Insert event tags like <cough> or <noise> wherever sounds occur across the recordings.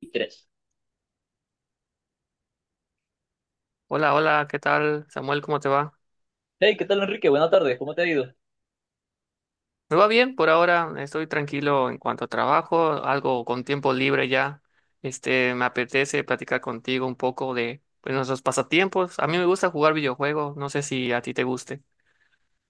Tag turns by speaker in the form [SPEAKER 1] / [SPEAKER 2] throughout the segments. [SPEAKER 1] Y tres.
[SPEAKER 2] Hola, hola, ¿qué tal, Samuel? ¿Cómo te va?
[SPEAKER 1] Hey, ¿qué tal, Enrique? Buenas tardes, ¿cómo te ha ido?
[SPEAKER 2] Me va bien por ahora, estoy tranquilo en cuanto a trabajo, algo con tiempo libre ya. Me apetece platicar contigo un poco de, pues, nuestros pasatiempos. A mí me gusta jugar videojuegos, no sé si a ti te guste.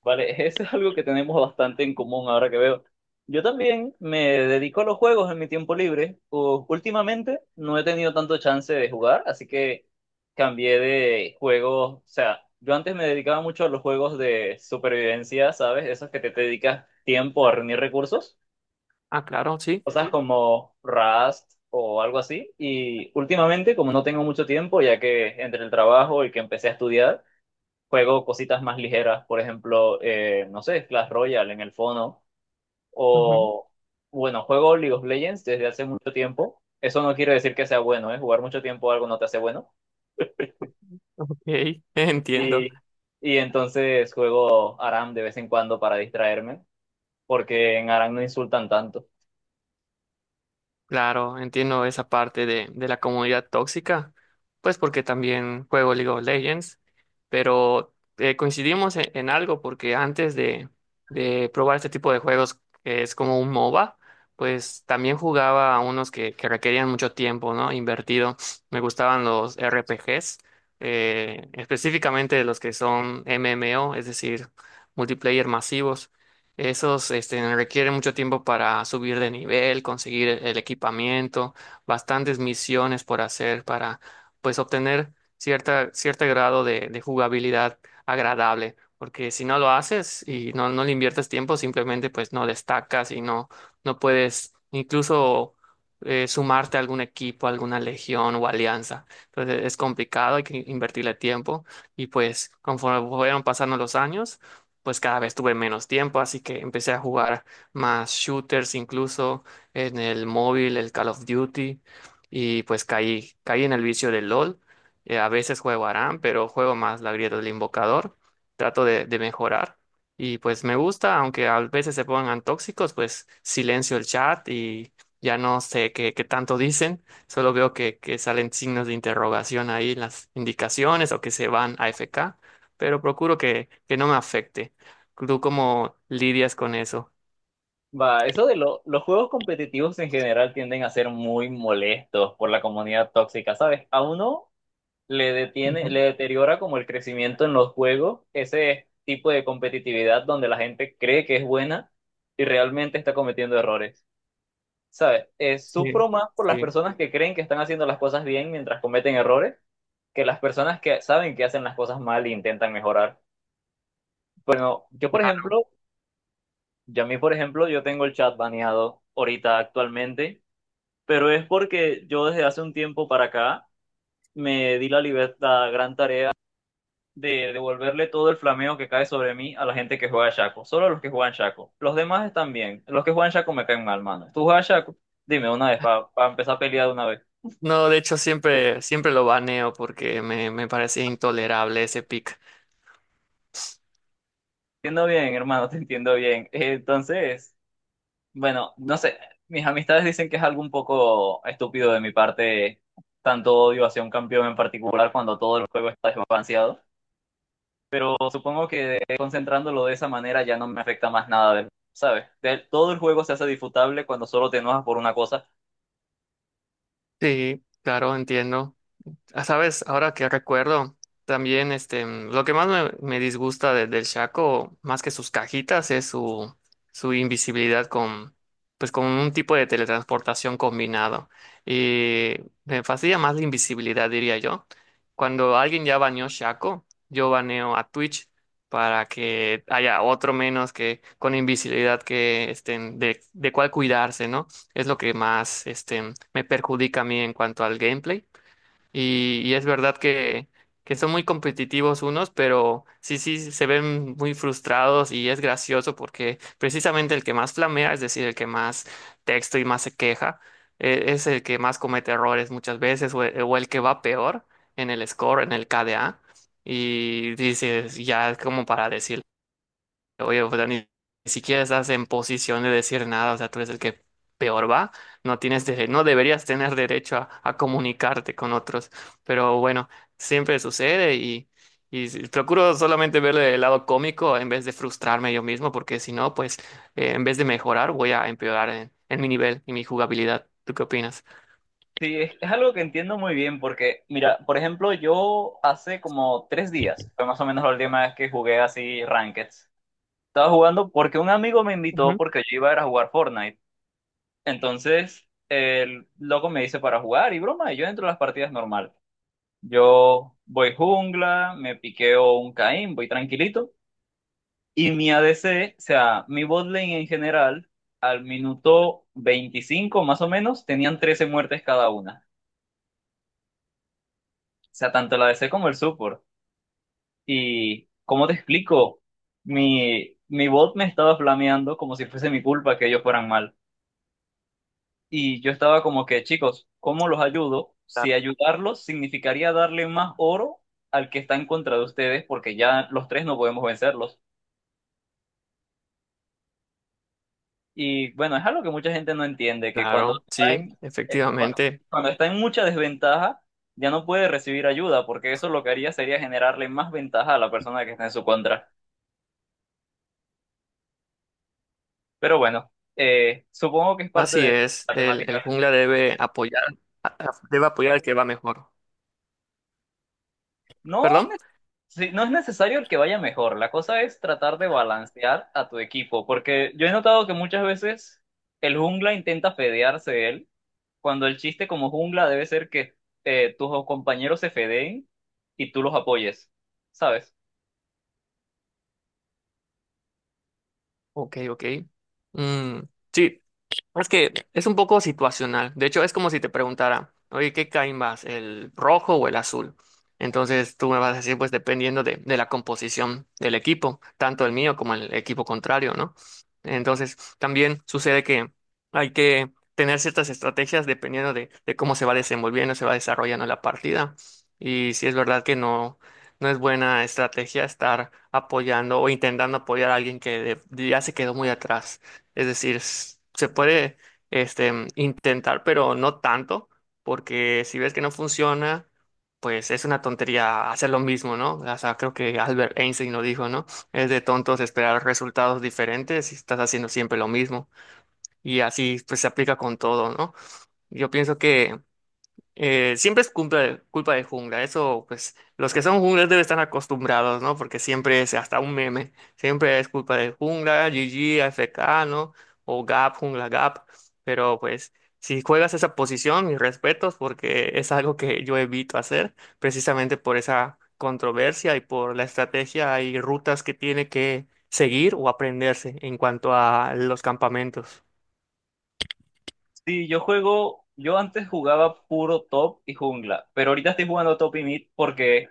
[SPEAKER 1] Vale, <laughs> eso es algo que tenemos bastante en común ahora que veo. Yo también me dedico a los juegos en mi tiempo libre. Últimamente no he tenido tanto chance de jugar, así que cambié de juegos. O sea, yo antes me dedicaba mucho a los juegos de supervivencia, ¿sabes? Esos que te dedicas tiempo a reunir recursos,
[SPEAKER 2] Ah, claro, sí.
[SPEAKER 1] cosas como Rust o algo así. Y últimamente, como no tengo mucho tiempo, ya que entre el trabajo y que empecé a estudiar, juego cositas más ligeras, por ejemplo, no sé, Clash Royale en el fono,
[SPEAKER 2] Ujú.
[SPEAKER 1] o bueno, juego League of Legends desde hace mucho tiempo. Eso no quiere decir que sea bueno, ¿eh? Jugar mucho tiempo algo no te hace bueno.
[SPEAKER 2] Ok, <laughs> entiendo.
[SPEAKER 1] Y, y entonces juego Aram de vez en cuando para distraerme, porque en Aram no insultan tanto.
[SPEAKER 2] Claro, entiendo esa parte de la comunidad tóxica, pues porque también juego League of Legends, pero coincidimos en algo porque antes de probar este tipo de juegos que es como un MOBA, pues también jugaba a unos que requerían mucho tiempo, ¿no? Invertido. Me gustaban los RPGs, específicamente los que son MMO, es decir, multiplayer masivos. Esos requieren mucho tiempo para subir de nivel, conseguir el equipamiento, bastantes misiones por hacer para, pues, obtener cierto grado de jugabilidad agradable. Porque si no lo haces y no le inviertes tiempo, simplemente pues no destacas y no puedes incluso sumarte a algún equipo, a alguna legión o alianza. Entonces es complicado, hay que invertirle tiempo. Y pues conforme fueron pasando los años, pues cada vez tuve menos tiempo, así que empecé a jugar más shooters incluso en el móvil, el Call of Duty, y pues caí en el vicio del LOL. A veces juego ARAM, pero juego más la grieta del invocador, trato de mejorar. Y pues me gusta, aunque a veces se pongan tóxicos, pues silencio el chat y ya no sé qué tanto dicen, solo veo que salen signos de interrogación ahí en las indicaciones o que se van a AFK, pero procuro que no me afecte. ¿Tú cómo lidias con eso?
[SPEAKER 1] Va, eso de los juegos competitivos en general tienden a ser muy molestos por la comunidad tóxica, ¿sabes? A uno le detiene,
[SPEAKER 2] Ujú.
[SPEAKER 1] le deteriora como el crecimiento en los juegos, ese tipo de competitividad donde la gente cree que es buena y realmente está cometiendo errores. ¿Sabes?
[SPEAKER 2] Sí,
[SPEAKER 1] Sufro más por las
[SPEAKER 2] sí,
[SPEAKER 1] personas que creen que están haciendo las cosas bien mientras cometen errores que las personas que saben que hacen las cosas mal e intentan mejorar. Bueno, yo por
[SPEAKER 2] claro.
[SPEAKER 1] ejemplo, yo a mí por ejemplo, yo tengo el chat baneado ahorita actualmente, pero es porque yo desde hace un tiempo para acá me di la libertad, gran tarea, de devolverle todo el flameo que cae sobre mí a la gente que juega Shaco. Solo los que juegan Shaco. Los demás están bien. Los que juegan Shaco me caen mal, mano. ¿Tú juegas Shaco? Dime una vez, para empezar a pelear de una vez.
[SPEAKER 2] No, de hecho siempre lo baneo porque me parece intolerable ese pic.
[SPEAKER 1] Te entiendo bien, hermano, te entiendo bien. <laughs> Entonces, bueno, no sé. Mis amistades dicen que es algo un poco estúpido de mi parte, tanto odio hacia un campeón en particular cuando todo el juego está desbalanceado. Pero supongo que concentrándolo de esa manera ya no me afecta más nada, ¿sabes? Todo el juego se hace disfrutable cuando solo te enojas por una cosa.
[SPEAKER 2] Sí, claro, entiendo. Ah, sabes, ahora que recuerdo, también lo que más me disgusta del Shaco, más que sus cajitas, es su invisibilidad con, pues, con un tipo de teletransportación combinado. Y me fastidia más la invisibilidad, diría yo. Cuando alguien ya baneó Shaco, yo baneo a Twitch para que haya otro menos que con invisibilidad que estén de cuál cuidarse, ¿no? Es lo que más me perjudica a mí en cuanto al gameplay y es verdad que son muy competitivos unos, pero sí, sí, se ven muy frustrados y es gracioso porque precisamente el que más flamea, es decir, el que más texto y más se queja, es el que más comete errores muchas veces o el que va peor en el score, en el KDA. Y dices, ya es como para decir. Oye, o sea, ni siquiera estás en posición de decir nada, o sea, tú eres el que peor va, no tienes no deberías tener derecho a comunicarte con otros, pero bueno, siempre sucede y procuro solamente verle el lado cómico en vez de frustrarme yo mismo, porque si no, pues en vez de mejorar, voy a empeorar en mi nivel y mi jugabilidad. ¿Tú qué opinas?
[SPEAKER 1] Sí, es algo que entiendo muy bien porque, mira, por ejemplo, yo hace como tres días, fue más o menos la última vez que jugué así Rankeds. Estaba jugando porque un amigo me invitó
[SPEAKER 2] Ujú.
[SPEAKER 1] porque yo iba a ir a jugar Fortnite. Entonces, el loco me dice para jugar y broma, y yo entro a las partidas normal. Yo voy jungla, me piqueo un Caín, voy tranquilito. Y mi ADC, o sea, mi bot lane en general, al minuto 25 más o menos, tenían 13 muertes cada una. O sea, tanto el ADC como el support. Y, ¿cómo te explico? Mi bot me estaba flameando como si fuese mi culpa que ellos fueran mal. Y yo estaba como que, chicos, ¿cómo los ayudo? Si
[SPEAKER 2] Claro.
[SPEAKER 1] ayudarlos significaría darle más oro al que está en contra de ustedes, porque ya los tres no podemos vencerlos. Y bueno, es algo que mucha gente no entiende, que cuando
[SPEAKER 2] Claro,
[SPEAKER 1] está
[SPEAKER 2] sí,
[SPEAKER 1] en, eh, cuando,
[SPEAKER 2] efectivamente.
[SPEAKER 1] cuando está en mucha desventaja, ya no puede recibir ayuda, porque eso lo que haría sería generarle más ventaja a la persona que está en su contra. Pero bueno, supongo que es parte
[SPEAKER 2] Así
[SPEAKER 1] de
[SPEAKER 2] es,
[SPEAKER 1] la
[SPEAKER 2] el
[SPEAKER 1] temática.
[SPEAKER 2] jungla debe apoyar al que va mejor.
[SPEAKER 1] No,
[SPEAKER 2] ¿Perdón?
[SPEAKER 1] sí, no es necesario el que vaya mejor. La cosa es tratar de balancear a tu equipo, porque yo he notado que muchas veces el jungla intenta fedearse de él, cuando el chiste como jungla debe ser que tus compañeros se fedeen y tú los apoyes, ¿sabes?
[SPEAKER 2] Ok, ok. Mm, sí, es que es un poco situacional. De hecho, es como si te preguntara, oye, ¿qué cae más, el rojo o el azul? Entonces tú me vas a decir, pues dependiendo de la composición del equipo, tanto el mío como el equipo contrario, ¿no? Entonces también sucede que hay que tener ciertas estrategias dependiendo de cómo se va desarrollando la partida. Y si es verdad que no es buena estrategia estar apoyando o intentando apoyar a alguien que ya se quedó muy atrás. Es decir, se puede intentar, pero no tanto, porque si ves que no funciona, pues es una tontería hacer lo mismo, ¿no? O sea, creo que Albert Einstein lo dijo, ¿no? Es de tontos esperar resultados diferentes si estás haciendo siempre lo mismo. Y así pues se aplica con todo, ¿no? Yo pienso que siempre es culpa de jungla, eso pues los que son junglas deben estar acostumbrados, ¿no? Porque siempre es hasta un meme, siempre es culpa de jungla, GG, FK, ¿no? O Gap, jungla Gap, pero pues si juegas esa posición, mis respetos, porque es algo que yo evito hacer, precisamente por esa controversia y por la estrategia y rutas que tiene que seguir o aprenderse en cuanto a los campamentos.
[SPEAKER 1] Sí, yo juego, yo antes jugaba puro top y jungla, pero ahorita estoy jugando top y mid porque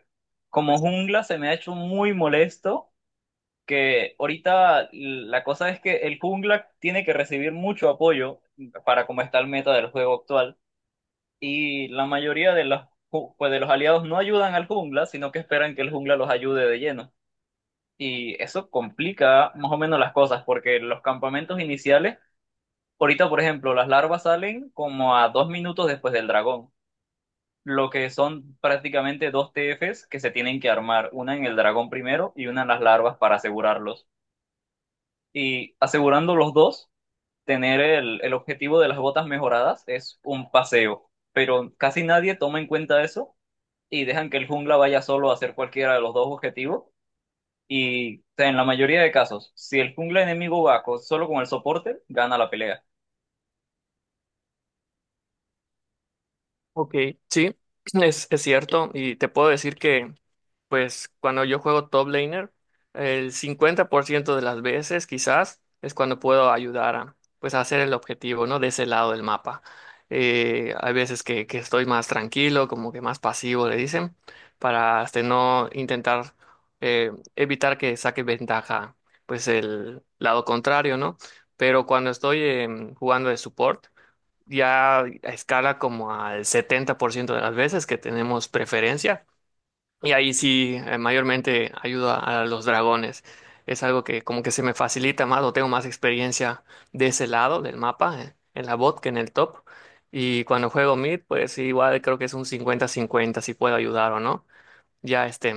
[SPEAKER 1] como jungla se me ha hecho muy molesto que ahorita la cosa es que el jungla tiene que recibir mucho apoyo para como está el meta del juego actual y la mayoría de los, pues de los aliados no ayudan al jungla, sino que esperan que el jungla los ayude de lleno. Y eso complica más o menos las cosas porque los campamentos iniciales, ahorita por ejemplo, las larvas salen como a dos minutos después del dragón. Lo que son prácticamente dos TFs que se tienen que armar, una en el dragón primero y una en las larvas para asegurarlos. Y asegurando los dos, tener el objetivo de las botas mejoradas es un paseo, pero casi nadie toma en cuenta eso y dejan que el jungla vaya solo a hacer cualquiera de los dos objetivos. Y o sea, en la mayoría de casos, si el jungla enemigo va solo con el soporte, gana la pelea.
[SPEAKER 2] Ok, sí, <clears throat> es cierto y te puedo decir que... Pues cuando yo juego top laner, el 50% de las veces quizás es cuando puedo ayudar a, pues, a hacer el objetivo, ¿no? De ese lado del mapa. Hay veces que estoy más tranquilo, como que más pasivo, le dicen, para no intentar, evitar que saque ventaja, pues el lado contrario, ¿no? Pero cuando estoy jugando de support, ya escala como al 70% de las veces que tenemos preferencia y ahí sí, mayormente ayudo a los dragones. Es algo que como que se me facilita más o tengo más experiencia de ese lado del mapa, en la bot que en el top. Y cuando juego mid, pues igual creo que es un cincuenta cincuenta si puedo ayudar o no. Ya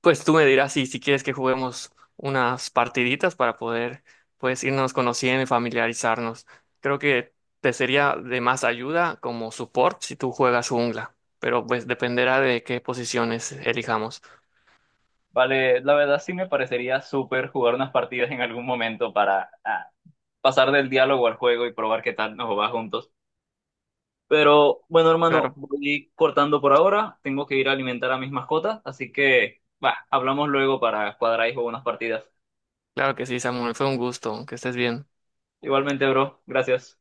[SPEAKER 2] pues tú me dirás si quieres que juguemos unas partiditas para poder, pues, irnos conociendo y familiarizarnos. Creo que te sería de más ayuda como support si tú juegas jungla, pero pues dependerá de qué posiciones elijamos.
[SPEAKER 1] Vale, la verdad sí me parecería súper jugar unas partidas en algún momento para ah, pasar del diálogo al juego y probar qué tal nos va juntos. Pero bueno, hermano,
[SPEAKER 2] Claro,
[SPEAKER 1] voy cortando por ahora. Tengo que ir a alimentar a mis mascotas, así que, va, hablamos luego para cuadrar ahí unas partidas.
[SPEAKER 2] claro que sí, Samuel, fue un gusto, que estés bien.
[SPEAKER 1] Igualmente, bro. Gracias.